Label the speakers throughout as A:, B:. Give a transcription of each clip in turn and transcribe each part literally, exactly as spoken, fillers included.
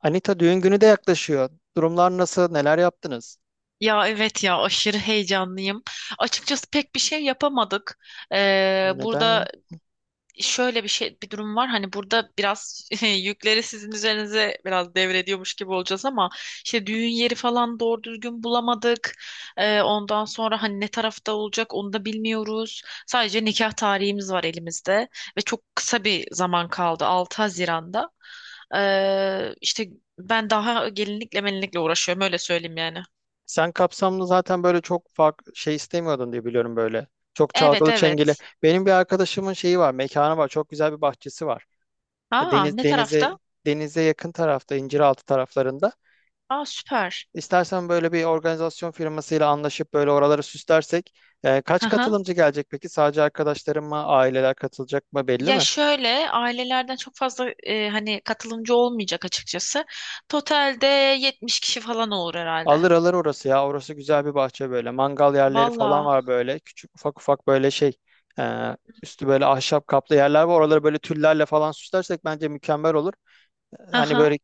A: Anita düğün günü de yaklaşıyor. Durumlar nasıl? Neler yaptınız?
B: Ya evet, ya aşırı heyecanlıyım. Açıkçası pek bir şey yapamadık. Ee,
A: Neden ya?
B: burada şöyle bir şey bir durum var. Hani burada biraz yükleri sizin üzerinize biraz devrediyormuş gibi olacağız ama işte düğün yeri falan doğru düzgün bulamadık. Ee, ondan sonra hani ne tarafta olacak onu da bilmiyoruz. Sadece nikah tarihimiz var elimizde ve çok kısa bir zaman kaldı, altı Haziran'da. Ee, işte ben daha gelinlikle melinlikle uğraşıyorum, öyle söyleyeyim yani.
A: Sen kapsamlı zaten böyle çok farklı şey istemiyordun diye biliyorum böyle. Çok
B: Evet,
A: çalgılı çengeli.
B: evet.
A: Benim bir arkadaşımın şeyi var, mekanı var. Çok güzel bir bahçesi var.
B: Aa,
A: Deniz
B: ne
A: denize
B: tarafta?
A: denize yakın tarafta, İnciraltı taraflarında.
B: Aa, süper.
A: İstersen böyle bir organizasyon firmasıyla anlaşıp böyle oraları süslersek. E,
B: Hı
A: kaç
B: hı.
A: katılımcı gelecek peki? Sadece arkadaşlarım mı, aileler katılacak mı belli
B: Ya
A: mi?
B: şöyle, ailelerden çok fazla e, hani katılımcı olmayacak açıkçası. Totalde yetmiş kişi falan olur herhalde.
A: Alır alır orası ya. Orası güzel bir bahçe böyle. Mangal yerleri falan
B: Valla.
A: var böyle. Küçük ufak ufak böyle şey. e, Üstü böyle ahşap kaplı yerler var. Oraları böyle tüllerle falan süslersek bence mükemmel olur.
B: Hı
A: Hani
B: hı.
A: böyle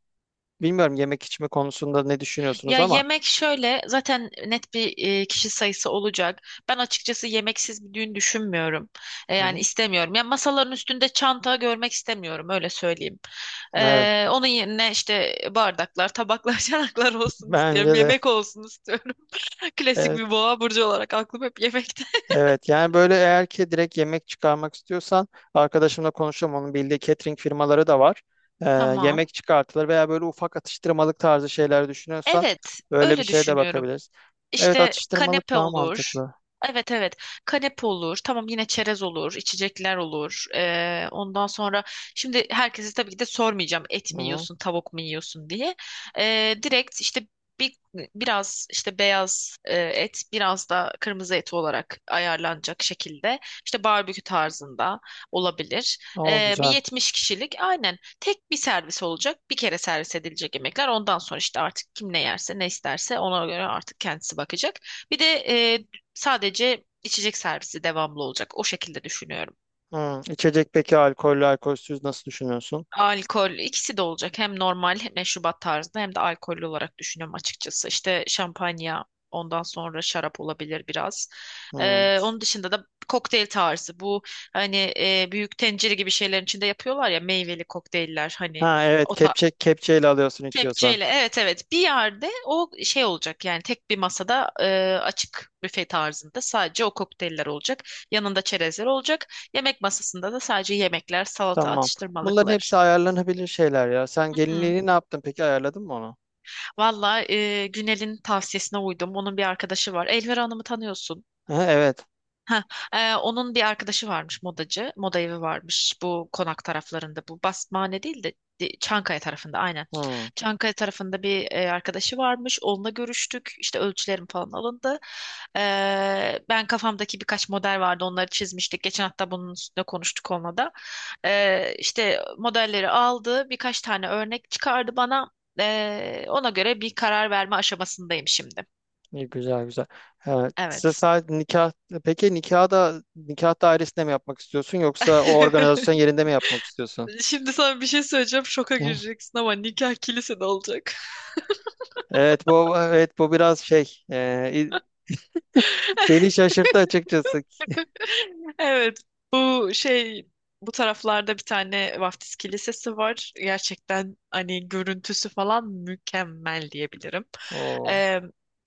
A: bilmiyorum yemek içme konusunda ne düşünüyorsunuz
B: Ya
A: ama.
B: yemek şöyle, zaten net bir e, kişi sayısı olacak. Ben açıkçası yemeksiz bir düğün düşünmüyorum. E,
A: Hı
B: yani
A: hı.
B: istemiyorum. Ya masaların üstünde çanta görmek istemiyorum, öyle söyleyeyim.
A: Evet.
B: E, onun yerine işte bardaklar, tabaklar, çanaklar olsun istiyorum.
A: Bence de.
B: Yemek olsun istiyorum. Klasik bir boğa burcu olarak aklım hep yemekte.
A: Evet yani böyle eğer ki direkt yemek çıkarmak istiyorsan arkadaşımla konuşalım onun bildiği catering firmaları da var. Ee,
B: Tamam.
A: Yemek çıkartılır veya böyle ufak atıştırmalık tarzı şeyler düşünüyorsan
B: Evet,
A: öyle bir
B: öyle
A: şeye de
B: düşünüyorum.
A: bakabiliriz. Evet,
B: İşte
A: atıştırmalık
B: kanepe
A: daha
B: olur.
A: mantıklı.
B: Evet, evet, kanepe olur, tamam, yine çerez olur, içecekler olur. Ee, ondan sonra şimdi herkese tabii ki de sormayacağım et mi
A: Hı.
B: yiyorsun tavuk mu yiyorsun diye. Ee, direkt işte bir, biraz işte beyaz e, et, biraz da kırmızı et olarak ayarlanacak şekilde, işte barbekü tarzında olabilir.
A: O
B: Ee, bir
A: güzel.
B: yetmiş kişilik, aynen. Tek bir servis olacak. Bir kere servis edilecek yemekler. Ondan sonra işte artık kim ne yerse, ne isterse ona göre artık kendisi bakacak. Bir de e, sadece içecek servisi devamlı olacak. O şekilde düşünüyorum.
A: Hı. İçecek peki alkollü alkolsüz nasıl düşünüyorsun?
B: Alkol, ikisi de olacak. Hem normal hem meşrubat tarzında, hem de alkollü olarak düşünüyorum açıkçası. İşte şampanya, ondan sonra şarap olabilir biraz.
A: Hı.
B: E, onun dışında da kokteyl tarzı. Bu hani e, büyük tencere gibi şeylerin içinde yapıyorlar ya, meyveli kokteyller hani,
A: Ha evet,
B: o.
A: kepçe kepçeyle alıyorsun içiyorsan.
B: Kepçeyle, evet evet, bir yerde o şey olacak yani, tek bir masada e, açık büfe tarzında sadece o kokteyller olacak. Yanında çerezler olacak. Yemek masasında da sadece yemekler, salata,
A: Tamam. Bunların
B: atıştırmalıklar.
A: hepsi ayarlanabilir şeyler ya. Sen
B: Hı.
A: gelinliğini ne yaptın peki, ayarladın mı onu?
B: Valla, e, Günel'in tavsiyesine uydum. Onun bir arkadaşı var. Elvira Hanım'ı tanıyorsun.
A: Ha, evet.
B: Heh, e, onun bir arkadaşı varmış modacı. Moda evi varmış bu konak taraflarında. Bu Basmane değil de de- Çankaya tarafında, aynen.
A: Hı.
B: Çankaya tarafında bir e, arkadaşı varmış. Onunla görüştük. İşte ölçülerim falan alındı. E, Ben kafamdaki birkaç model vardı. Onları çizmiştik. Geçen hafta bunun üstüne konuştuk onunla da. E, işte modelleri aldı. Birkaç tane örnek çıkardı bana. E, ona göre bir karar verme aşamasındayım şimdi.
A: İyi, güzel güzel. Evet. Size
B: Evet.
A: sadece nikah Peki, nikah da nikah dairesinde mi yapmak istiyorsun yoksa o organizasyon yerinde mi yapmak istiyorsun?
B: Şimdi sana bir şey söyleyeceğim. Şoka
A: Hı.
B: gireceksin ama nikah kilisede olacak.
A: Evet bu evet bu biraz şey, e, i- beni şaşırttı açıkçası.
B: Evet, bu şey bu taraflarda bir tane vaftiz kilisesi var. Gerçekten hani görüntüsü falan mükemmel diyebilirim.
A: Oo.
B: Ee,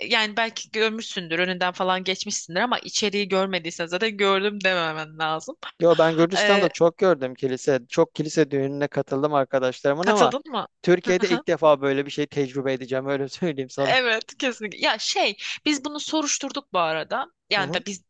B: Yani belki görmüşsündür, önünden falan geçmişsindir ama içeriği görmediysen zaten gördüm dememen lazım.
A: Yo, ben Gürcistan'da
B: Ee,
A: çok gördüm kilise. Çok kilise düğününe katıldım arkadaşlarımın ama
B: Katıldın mı?
A: Türkiye'de ilk defa böyle bir şey tecrübe edeceğim öyle söyleyeyim sana.
B: Evet, kesinlikle. Ya şey, biz bunu soruşturduk bu arada.
A: Hı
B: Yani
A: hı.
B: da biz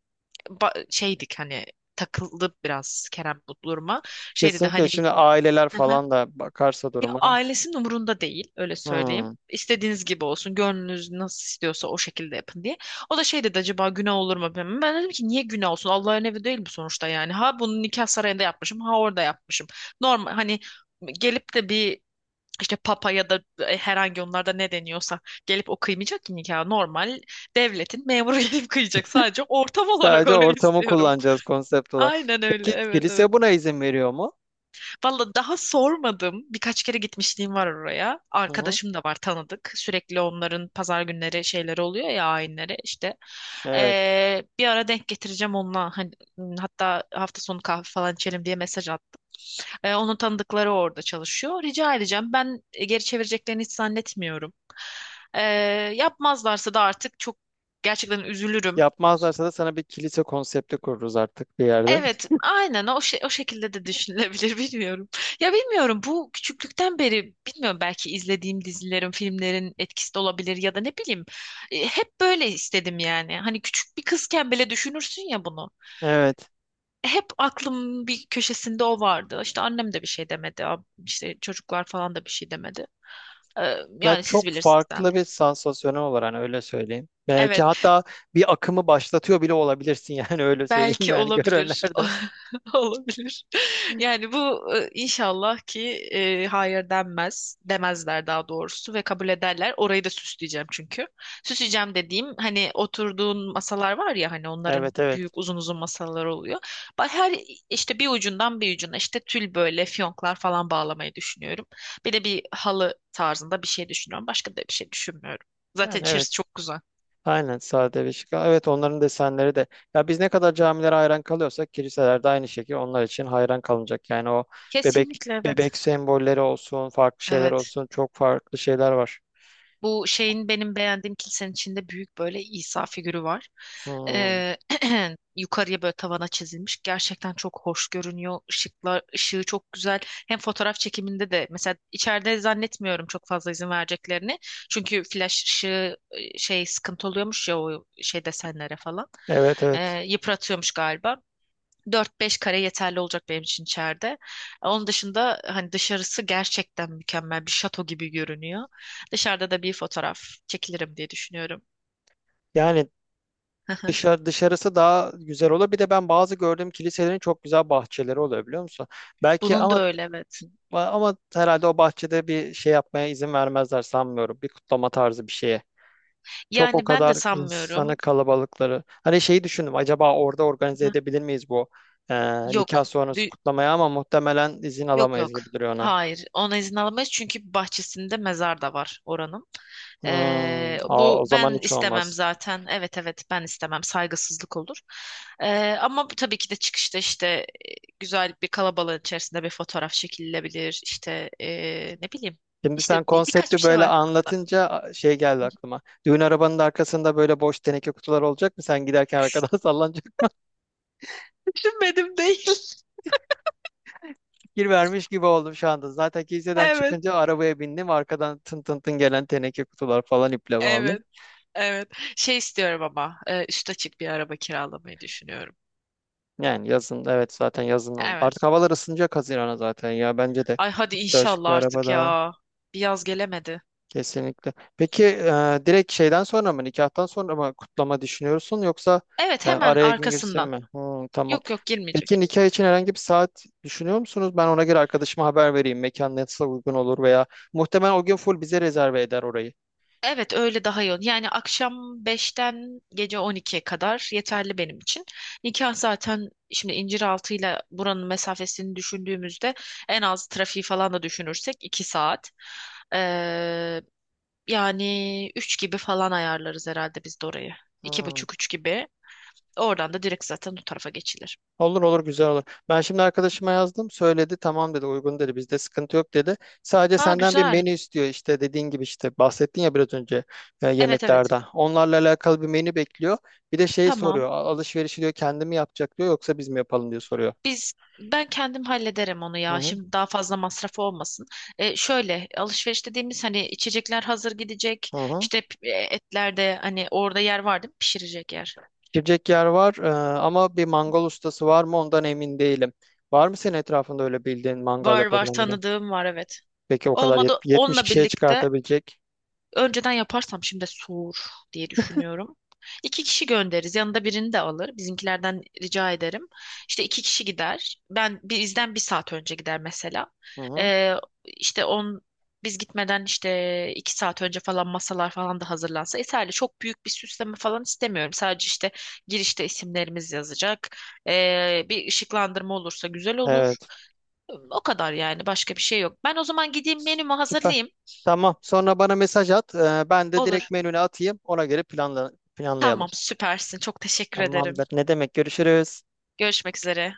B: ba- şeydik hani, takıldı biraz Kerem bu duruma. Şey dedi
A: Kesinlikle,
B: hani bir.
A: şimdi aileler
B: Aha.
A: falan da bakarsa
B: Ya
A: duruma.
B: ailesinin umurunda değil, öyle söyleyeyim.
A: Hı.
B: İstediğiniz gibi olsun, gönlünüz nasıl istiyorsa o şekilde yapın diye. O da şey dedi, acaba günah olur mu, bilmem. Ben dedim ki niye günah olsun? Allah'ın evi değil bu sonuçta yani. Ha bunu nikah sarayında yapmışım, ha orada yapmışım. Normal hani gelip de bir işte papa ya da e, herhangi onlarda ne deniyorsa gelip o kıymayacak ki nikah. Normal devletin memuru gelip kıyacak, sadece ortam olarak
A: Sadece
B: orayı
A: ortamı
B: istiyorum.
A: kullanacağız, konsept olarak.
B: Aynen öyle.
A: Peki
B: Evet, evet.
A: kilise buna izin veriyor mu?
B: Valla daha sormadım. Birkaç kere gitmişliğim var oraya.
A: Hı hı.
B: Arkadaşım da var, tanıdık. Sürekli onların pazar günleri şeyleri oluyor ya, ayinleri işte.
A: Evet.
B: Ee, bir ara denk getireceğim onunla. Hani, hatta hafta sonu kahve falan içelim diye mesaj attım. Ee, onun tanıdıkları orada çalışıyor. Rica edeceğim. Ben e, geri çevireceklerini hiç zannetmiyorum. Ee, Yapmazlarsa da artık çok gerçekten üzülürüm.
A: Yapmazlarsa da sana bir kilise konsepti kururuz artık bir yerde.
B: Evet, aynen, o şey, o şekilde de düşünülebilir, bilmiyorum. Ya bilmiyorum, bu küçüklükten beri bilmiyorum, belki izlediğim dizilerin, filmlerin etkisi de olabilir ya da ne bileyim. E, hep böyle istedim yani. Hani küçük bir kızken bile düşünürsün ya bunu.
A: Evet.
B: Hep aklımın bir köşesinde o vardı. İşte annem de bir şey demedi, ab- işte çocuklar falan da bir şey demedi. Ee,
A: Ya
B: yani siz
A: çok
B: bilirsiniz, ben de.
A: farklı bir sansasyonel olur hani, öyle söyleyeyim. Belki
B: Evet.
A: hatta bir akımı başlatıyor bile olabilirsin yani, öyle söyleyeyim
B: Belki
A: yani,
B: olabilir.
A: görenlerden.
B: Olabilir. Yani bu e, inşallah ki e, hayır denmez. Demezler daha doğrusu ve kabul ederler. Orayı da süsleyeceğim çünkü. Süsleyeceğim dediğim hani oturduğun masalar var ya, hani onların
A: Evet evet.
B: büyük uzun uzun masalar oluyor. Ba- Her işte bir ucundan bir ucuna işte tül böyle fiyonklar falan bağlamayı düşünüyorum. Bir de bir halı tarzında bir şey düşünüyorum. Başka da bir şey düşünmüyorum. Zaten
A: Yani evet.
B: içerisi çok güzel.
A: Aynen, sade ve şık. Evet, onların desenleri de. Ya biz ne kadar camilere hayran kalıyorsak kiliselerde aynı şekilde onlar için hayran kalınacak. Yani o bebek
B: Kesinlikle, evet.
A: bebek sembolleri olsun, farklı şeyler
B: Evet.
A: olsun, çok farklı şeyler var.
B: Bu şeyin, benim beğendiğim kilisenin içinde büyük böyle İsa figürü var.
A: Hmm.
B: Ee, yukarıya böyle tavana çizilmiş. Gerçekten çok hoş görünüyor. Işıklar, ışığı çok güzel. Hem fotoğraf çekiminde de mesela içeride zannetmiyorum çok fazla izin vereceklerini. Çünkü flash ışığı e, şey sıkıntı oluyormuş ya, o şey desenlere falan.
A: Evet evet.
B: Ee, yıpratıyormuş galiba. Dört beş kare yeterli olacak benim için içeride. Onun dışında hani dışarısı gerçekten mükemmel bir şato gibi görünüyor. Dışarıda da bir fotoğraf çekilirim diye düşünüyorum.
A: Yani dışarı, dışarısı daha güzel olur. Bir de ben bazı gördüğüm kiliselerin çok güzel bahçeleri oluyor biliyor musun? Belki,
B: Bunun da
A: ama
B: öyle, evet.
A: ama herhalde o bahçede bir şey yapmaya izin vermezler, sanmıyorum. Bir kutlama tarzı bir şeye. Çok, o
B: Yani ben de
A: kadar insanı,
B: sanmıyorum.
A: kalabalıkları. Hani şeyi düşündüm, acaba orada organize
B: Hı.
A: edebilir miyiz bu e, nikah
B: Yok.
A: sonrası kutlamayı, ama muhtemelen izin
B: Yok,
A: alamayız
B: yok.
A: gibi duruyor ona.
B: Hayır. Ona izin alamayız çünkü bahçesinde mezar da var oranın.
A: Hmm,
B: Ee,
A: a- o
B: bu,
A: zaman
B: ben
A: hiç
B: istemem
A: olmaz.
B: zaten. Evet, evet, ben istemem. Saygısızlık olur. Ee, ama bu tabii ki de çıkışta işte e, güzel bir kalabalığın içerisinde bir fotoğraf çekilebilir. İşte e, ne bileyim.
A: Şimdi sen
B: İşte bir- birkaç bir
A: konsepti
B: şey
A: böyle
B: var aklımda.
A: anlatınca a, şey geldi aklıma. Düğün arabanın da arkasında böyle boş teneke kutular olacak mı? Sen giderken arkadan sallanacak,
B: Düşünmedim değil.
A: fikir vermiş gibi oldum şu anda. Zaten kiliseden
B: Evet.
A: çıkınca arabaya bindim, arkadan tın tın tın gelen teneke kutular falan, iple bağlı.
B: Evet. Evet. Şey istiyorum ama e, üst açık bir araba kiralamayı düşünüyorum.
A: Yani yazın, evet, zaten yazın oldu.
B: Evet.
A: Artık havalar ısınacak Haziran'a, zaten ya bence de
B: Ay hadi
A: üstü açık
B: inşallah
A: bir araba,
B: artık
A: daha
B: ya. Bir yaz gelemedi.
A: kesinlikle. Peki e, direkt şeyden sonra mı, nikahtan sonra mı kutlama düşünüyorsun, yoksa
B: Evet,
A: e,
B: hemen
A: araya gün girsin
B: arkasından.
A: mi? Hmm, tamam.
B: Yok, yok,
A: Peki
B: girmeyecek.
A: nikah için herhangi bir saat düşünüyor musunuz? Ben ona göre arkadaşıma haber vereyim, mekan nasıl uygun olur, veya muhtemelen o gün full bize rezerve eder orayı.
B: Evet, öyle daha yoğun. Yani akşam beşten gece on ikiye kadar yeterli benim için. Nikah zaten, şimdi İnciraltı ile buranın mesafesini düşündüğümüzde en az trafiği falan da düşünürsek iki saat. Ee, Yani üç gibi falan ayarlarız herhalde biz de orayı. İki
A: Hmm.
B: buçuk üç gibi. Oradan da direkt zaten o tarafa geçilir.
A: Olur olur, güzel olur. Ben şimdi arkadaşıma yazdım. Söyledi tamam dedi, uygun dedi, bizde sıkıntı yok dedi. Sadece
B: Ha,
A: senden bir
B: güzel.
A: menü istiyor, işte dediğin gibi, işte bahsettin ya biraz önce e,
B: Evet, evet.
A: yemeklerden. Onlarla alakalı bir menü bekliyor. Bir de şey soruyor:
B: Tamam.
A: "A- Alışverişi, diyor, kendi yapacak, diyor, yoksa biz mi yapalım", diyor, soruyor.
B: Biz Ben kendim hallederim onu
A: Hı
B: ya.
A: hı,
B: Şimdi daha fazla masraf olmasın. E, şöyle alışveriş dediğimiz hani, içecekler hazır gidecek.
A: hı hı.
B: İşte p- e, etler de hani, orada yer var değil mi? Pişirecek yer.
A: Girecek yer var, e, ama bir mangal ustası var mı ondan emin değilim. Var mı senin etrafında öyle bildiğin mangal
B: Var, var,
A: yapabilen biri?
B: tanıdığım var, evet.
A: Peki o kadar
B: Olmadı
A: yet- yetmiş
B: onunla
A: kişiye
B: birlikte.
A: çıkartabilecek.
B: Önceden yaparsam şimdi soğur diye düşünüyorum. İki kişi göndeririz. Yanında birini de alır. Bizimkilerden rica ederim. İşte iki kişi gider. Ben bizden bir saat önce gider mesela.
A: Hı hı.
B: Ee, işte on Biz gitmeden işte iki saat önce falan masalar falan da hazırlansa yeterli. Çok büyük bir süsleme falan istemiyorum. Sadece işte girişte isimlerimiz yazacak. Ee, bir ışıklandırma olursa güzel olur.
A: Evet.
B: O kadar yani. Başka bir şey yok. Ben o zaman gideyim menümü
A: Süper.
B: hazırlayayım.
A: Tamam. Sonra bana mesaj at. Ee, ben de direkt
B: Olur.
A: menüne atayım. Ona göre planla planlayalım.
B: Tamam, süpersin. Çok teşekkür ederim.
A: Tamamdır. Ne demek? Görüşürüz.
B: Görüşmek üzere.